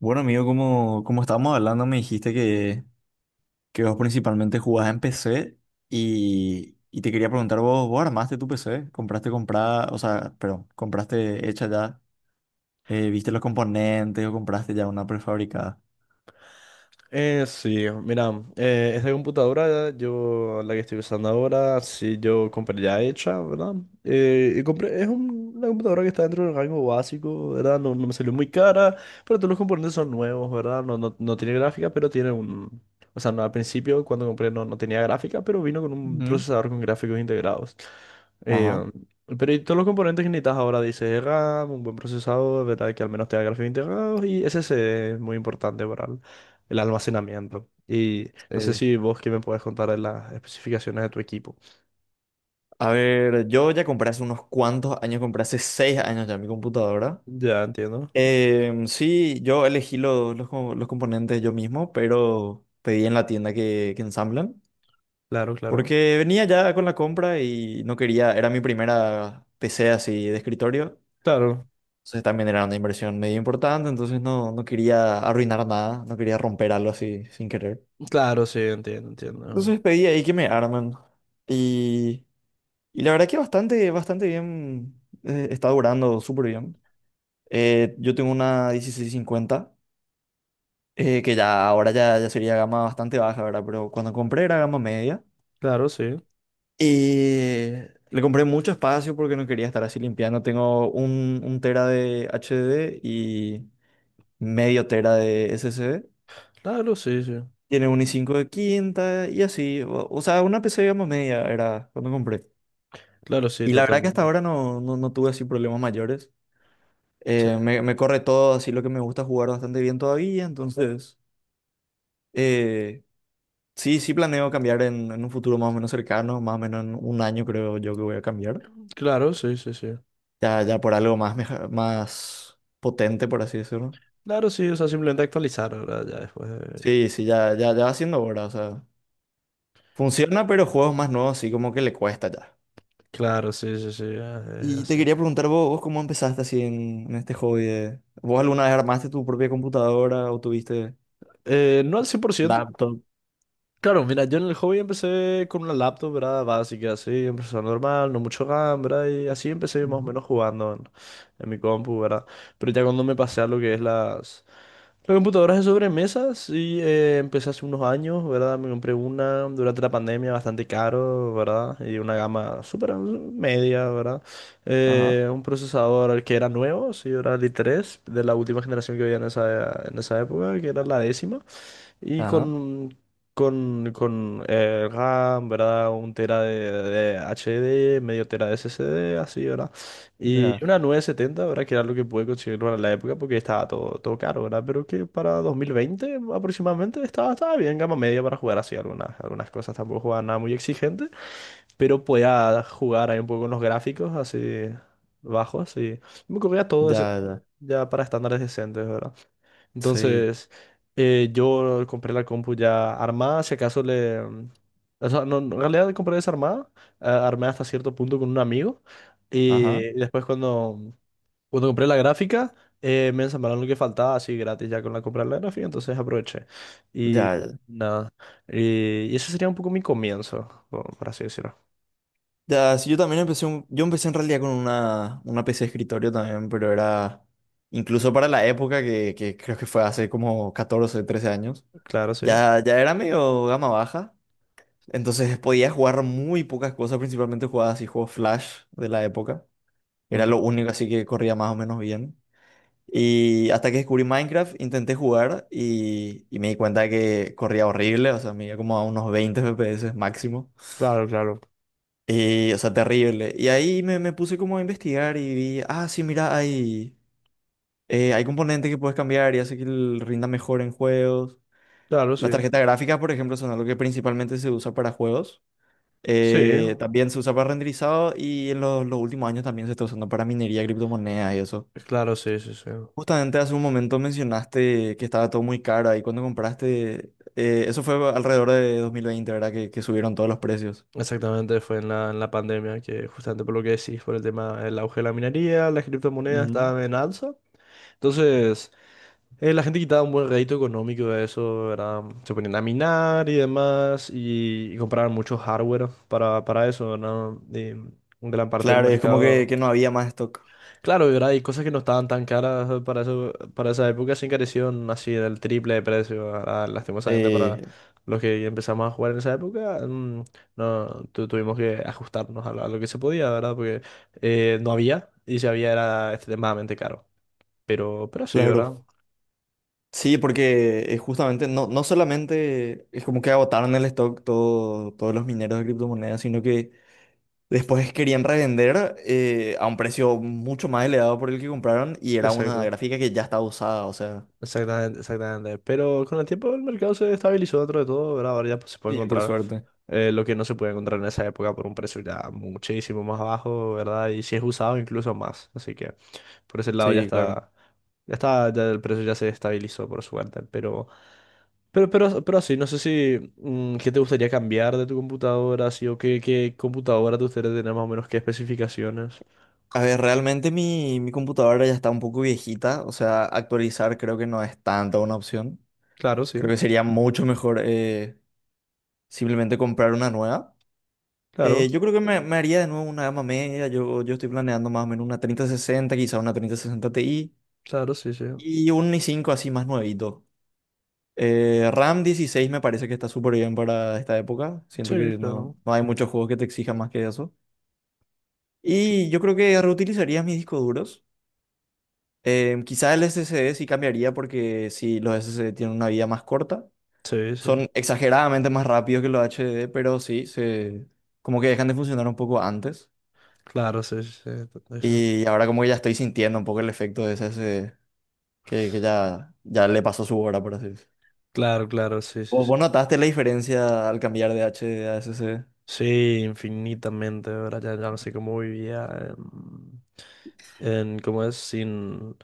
Bueno, amigo, como estábamos hablando, me dijiste que vos principalmente jugás en PC y te quería preguntar, ¿vos armaste tu PC? ¿Compraste comprada, o sea, perdón, compraste hecha ya? ¿Viste los componentes o compraste ya una prefabricada? Sí, mira, esta computadora, yo la que estoy usando ahora, sí, yo compré ya hecha, ¿verdad? Y compré, es una computadora que está dentro del rango básico, ¿verdad? No me salió muy cara, pero todos los componentes son nuevos, ¿verdad? No tiene gráfica, pero tiene un... O sea, no, al principio cuando compré no tenía gráfica, pero vino con un Ujú. procesador con gráficos integrados. Eh, Ajá. pero y todos los componentes que necesitas ahora, dice RAM, un buen procesador, ¿verdad? Que al menos tenga gráficos integrados y SSD es muy importante para el almacenamiento. Y no sé Sí. si vos que me puedes contar de las especificaciones de tu equipo. A ver, yo ya compré hace unos cuantos años, compré hace 6 años ya mi computadora. Ya entiendo. Sí, yo elegí los componentes yo mismo, pero pedí en la tienda que ensamblan. Claro, claro. Porque venía ya con la compra y no quería, era mi primera PC así de escritorio, Claro, entonces también era una inversión medio importante, entonces no quería arruinar nada, no quería romper algo así sin querer. claro, sí, entiendo, entiendo. Entonces pedí ahí que me arman y, y la verdad que bastante, bastante bien, está durando súper bien. Yo tengo una 1650, que ya ahora ya sería gama bastante baja, ¿verdad? Pero cuando compré era gama media. Claro, sí. Y le compré mucho espacio porque no quería estar así limpiando. Tengo un tera de HDD y medio tera de SSD. Claro, sí, sí. Tiene un i5 de quinta y así. O sea, una PC, digamos, media era cuando compré. Claro, sí, Y la verdad que hasta totalmente. ahora no tuve así problemas mayores. Sí. Me corre todo, así lo que me gusta jugar bastante bien todavía. Entonces, eh, sí, sí planeo cambiar en un futuro más o menos cercano, más o menos en un año creo yo que voy a cambiar. Claro, sí, sí, sí. Ya, ya por algo más, más potente, por así decirlo. Claro, sí, o sea, simplemente actualizar ahora ya después. De- Sí, sí, ya, ya, ya va siendo hora, o sea. Funciona, pero juegos más nuevos sí como que le cuesta ya. Claro, sí, sí, sí, ya es Y te así. quería preguntar vos cómo empezaste así en este hobby. ¿Vos alguna vez armaste tu propia computadora o tuviste No al 100%. laptop? Claro, mira, yo en el hobby empecé con una laptop, ¿verdad? Básica, así, empezó normal, no mucho RAM, ¿verdad? Y así empecé más o Ujú. menos jugando en mi compu, ¿verdad? Pero ya cuando me pasé a lo que es las computadoras de sobremesas y empecé hace unos años, ¿verdad? Me compré una durante la pandemia, bastante caro, ¿verdad? Y una gama súper media, ¿verdad? Ajá, Un procesador que era nuevo, sí, era el i3 de la última generación que había en en esa época, que era la décima. Y ajá, con RAM, ¿verdad? Un tera de HD, medio tera de SSD, así, ¿verdad? ya, Y una nueve setenta, ¿verdad? Que era lo que pude conseguir para la época porque estaba todo caro, ¿verdad? Pero que para 2020 aproximadamente estaba bien, gama media para jugar así algunas cosas. Tampoco jugaba nada muy exigente, pero podía jugar ahí un poco con los gráficos así bajos y me corría todo ese- ya, ya, ya para estándares decentes, ¿verdad? sí, Entonces, yo compré la compu ya armada, si acaso le... O sea, no, no, en realidad compré desarmada, armada armé hasta cierto punto con un amigo. ajá, Y después cuando, cuando compré la gráfica, me ensamblaron lo que faltaba así gratis ya con la compra de la gráfica, entonces aproveché. Y ya, ya. nada, y ese sería un poco mi comienzo, por así decirlo. Ya, sí, yo también empecé yo empecé en realidad con una PC de escritorio también, pero era incluso para la época que creo que fue hace como 14 13 años, Claro, sí. ya era medio gama baja, entonces podía jugar muy pocas cosas, principalmente jugaba así juegos Flash de la época, era Ujú. lo único así que corría más o menos bien. Y hasta que descubrí Minecraft, intenté jugar y me di cuenta de que corría horrible, o sea, me iba como a unos 20 FPS máximo. Claro, claro. Y, o sea, terrible. Y ahí me puse como a investigar y vi, ah, sí, mira, hay componentes que puedes cambiar y hace que el rinda mejor en juegos. Claro, Las sí. tarjetas gráficas, por ejemplo, son algo que principalmente se usa para juegos. Sí, También se usa para renderizado y en los últimos años también se está usando para minería, criptomonedas y eso. claro, sí, sí, sí. Justamente hace un momento mencionaste que estaba todo muy caro ahí cuando compraste. Eso fue alrededor de 2020, ¿verdad? Que subieron todos los precios. Exactamente, fue en en la pandemia que justamente por lo que decís, por el tema del auge de la minería, las criptomonedas Ujú. estaban en alza. Entonces, la gente quitaba un buen rédito económico de eso, ¿verdad? Se ponían a minar y demás y compraban mucho hardware para eso, ¿verdad? Y gran parte del Claro, es como que, mercado. que no había más stock. Claro, y ahora hay cosas que no estaban tan caras para eso, para esa época, se encarecieron así del triple de precio. Ahora, lastimosamente para Eh, los que empezamos a jugar en esa época, no tu- tuvimos que ajustarnos a a lo que se podía, ¿verdad? Porque no había, y si había era extremadamente caro. Pero sí, ¿verdad? claro. Sí, porque justamente no solamente es como que agotaron el stock todos los mineros de criptomonedas, sino que después querían revender a un precio mucho más elevado por el que compraron y era una Exacto. gráfica que ya estaba usada, o sea. Exactamente, exactamente. Pero con el tiempo el mercado se estabilizó dentro de todo, ¿verdad? Ahora ya pues, se puede Sí, por encontrar suerte. Lo que no se puede encontrar en esa época por un precio ya muchísimo más bajo, ¿verdad? Y si es usado incluso más. Así que por ese lado ya Sí, claro. está, ya está, ya el precio ya se estabilizó por suerte. Pero, pero así, no sé si qué te gustaría cambiar de tu computadora, así, o qué, qué computadora te gustaría tener más o menos qué especificaciones. A ver, realmente mi computadora ya está un poco viejita, o sea, actualizar creo que no es tanta una opción. Claro, sí, Creo que sería mucho mejor simplemente comprar una nueva. Eh, claro, yo creo que me haría de nuevo una gama media. Yo estoy planeando más o menos una 3060 quizá una 3060 Ti claro, sí, sí. y un i5 así más nuevito. RAM 16 me parece que está súper bien para esta época. Sí, Siento que no, claro. no hay muchos juegos que te exijan más que eso. Y yo creo que reutilizaría mis discos duros. Quizá el SSD sí cambiaría porque sí, los SSD tienen una vida más corta. Sí, sí. Son exageradamente más rápidos que los HDD, pero sí, se, como que dejan de funcionar un poco antes. Claro, sí, sí, sí, esa- Y ahora como que ya estoy sintiendo un poco el efecto de que ya, ya le pasó su hora, por así decirlo. Claro, claro, sí, sí, ¿Vos, sí. vos notaste la diferencia al cambiar de HD a S SSD? Sí, infinitamente, ¿verdad? Ya, ya no sé cómo vivía en cómo es, sin,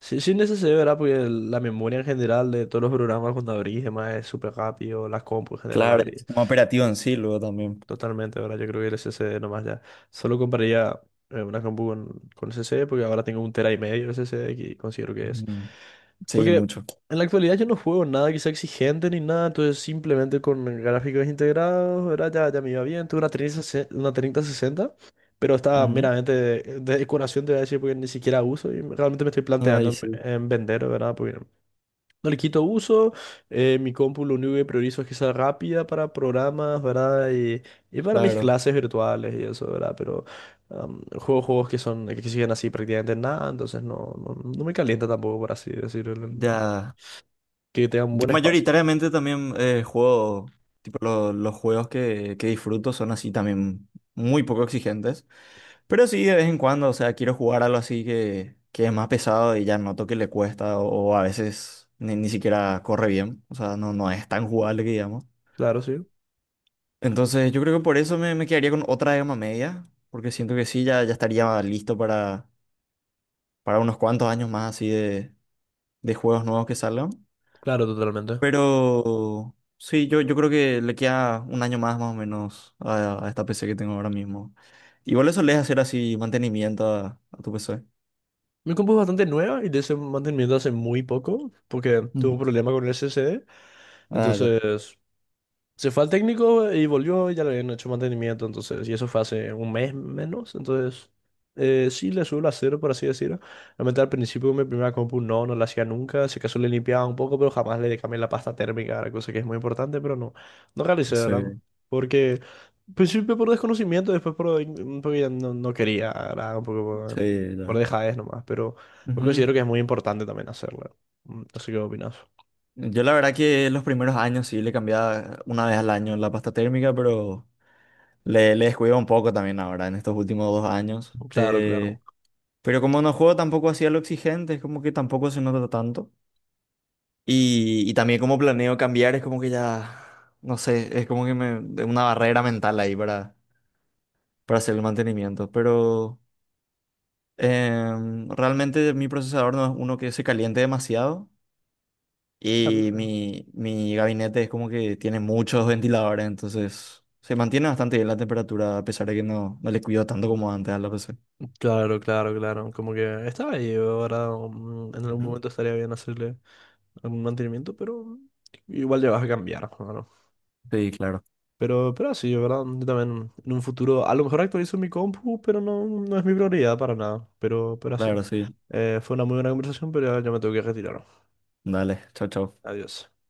sin, sin SSD, ¿verdad? Porque el- la memoria en general de todos los programas cuando abrís, demás, es súper rápido, las compu en general Claro, el abrís. sistema operativo en sí, luego también. Totalmente, ¿verdad? Yo creo que el SSD nomás ya. Solo compraría una compu con SSD porque ahora tengo un tera y medio de SSD que considero que es. Ujú. Sí, Porque mucho. en la actualidad yo no juego nada que sea exigente ni nada, entonces simplemente con gráficos integrados, ¿verdad? Ya, ya me iba bien. Tuve una 3060, una treinta sesenta, pero estaba Ujú. meramente de decoración, te voy a decir, porque ni siquiera uso y realmente me estoy Ay, planteando sí, en vender, ¿verdad? Porque no le quito uso, mi compu lo único que priorizo es que sea rápida para programas, ¿verdad? Y para mis claro. clases virtuales y eso, ¿verdad? Pero juego juegos que son que exigen así prácticamente nada, entonces no me calienta tampoco, por así decirlo, Ya. que tenga un Yo buen espacio. mayoritariamente también juego, tipo los juegos que disfruto son así también muy poco exigentes. Pero sí, de vez en cuando, o sea, quiero jugar algo así que es más pesado y ya noto que le cuesta o a veces ni siquiera corre bien, o sea, no es tan jugable que digamos. Claro, sí. Entonces yo creo que por eso me quedaría con otra gama media, porque siento que sí, ya, ya estaría listo para unos cuantos años más así de juegos nuevos que salgan. Claro, totalmente. Pero sí, yo creo que le queda un año más más o menos a esta PC que tengo ahora mismo. Igual eso le hacer así mantenimiento a tu PC. Mi compu es bastante nueva y de ese mantenimiento hace muy poco porque tuve Ujú. un problema con el SSD. Ah, ya. Entonces, se fue al técnico y volvió y ya le habían hecho mantenimiento, entonces, y eso fue hace un mes menos, entonces, sí le suelo hacer, por así decirlo. Realmente al principio con mi primera compu no la hacía nunca, si acaso le limpiaba un poco, pero jamás le cambié la pasta térmica, la cosa que es muy importante, pero no, no realicé, Sí, ¿verdad? Porque, al principio por desconocimiento, después por, in- porque ya no quería, ¿verdad? Un poco sí, por ya. dejadez nomás, pero pues Ujú. considero que es muy importante también hacerlo. No sé qué opinas. Yo la verdad que los primeros años sí le cambiaba una vez al año la pasta térmica, pero le descuido un poco también ahora, en estos últimos 2 años. Claro, Eh, claro. pero como no juego tampoco hacía lo exigente, es como que tampoco se nota tanto. Y también como planeo cambiar, es como que ya, no sé, es como que me, de una barrera mental ahí para hacer el mantenimiento. Pero realmente mi procesador no es uno que se caliente demasiado. Claro, Y sí. mi gabinete es como que tiene muchos ventiladores, entonces se mantiene bastante bien la temperatura, a pesar de que no le cuido tanto como antes a la PC. Claro, claro, claro. Como que estaba ahí, ahora en algún Ujú. momento estaría bien hacerle algún mantenimiento, pero igual ya vas a cambiar, claro. Sí, claro. Pero sí, ¿verdad? Yo también en un futuro, a lo mejor actualizo mi compu, pero no, no es mi prioridad para nada. Pero así. Claro, sí. Fue una muy buena conversación, pero ya, ya me tengo que retirar. Dale, chao, chao. Adiós.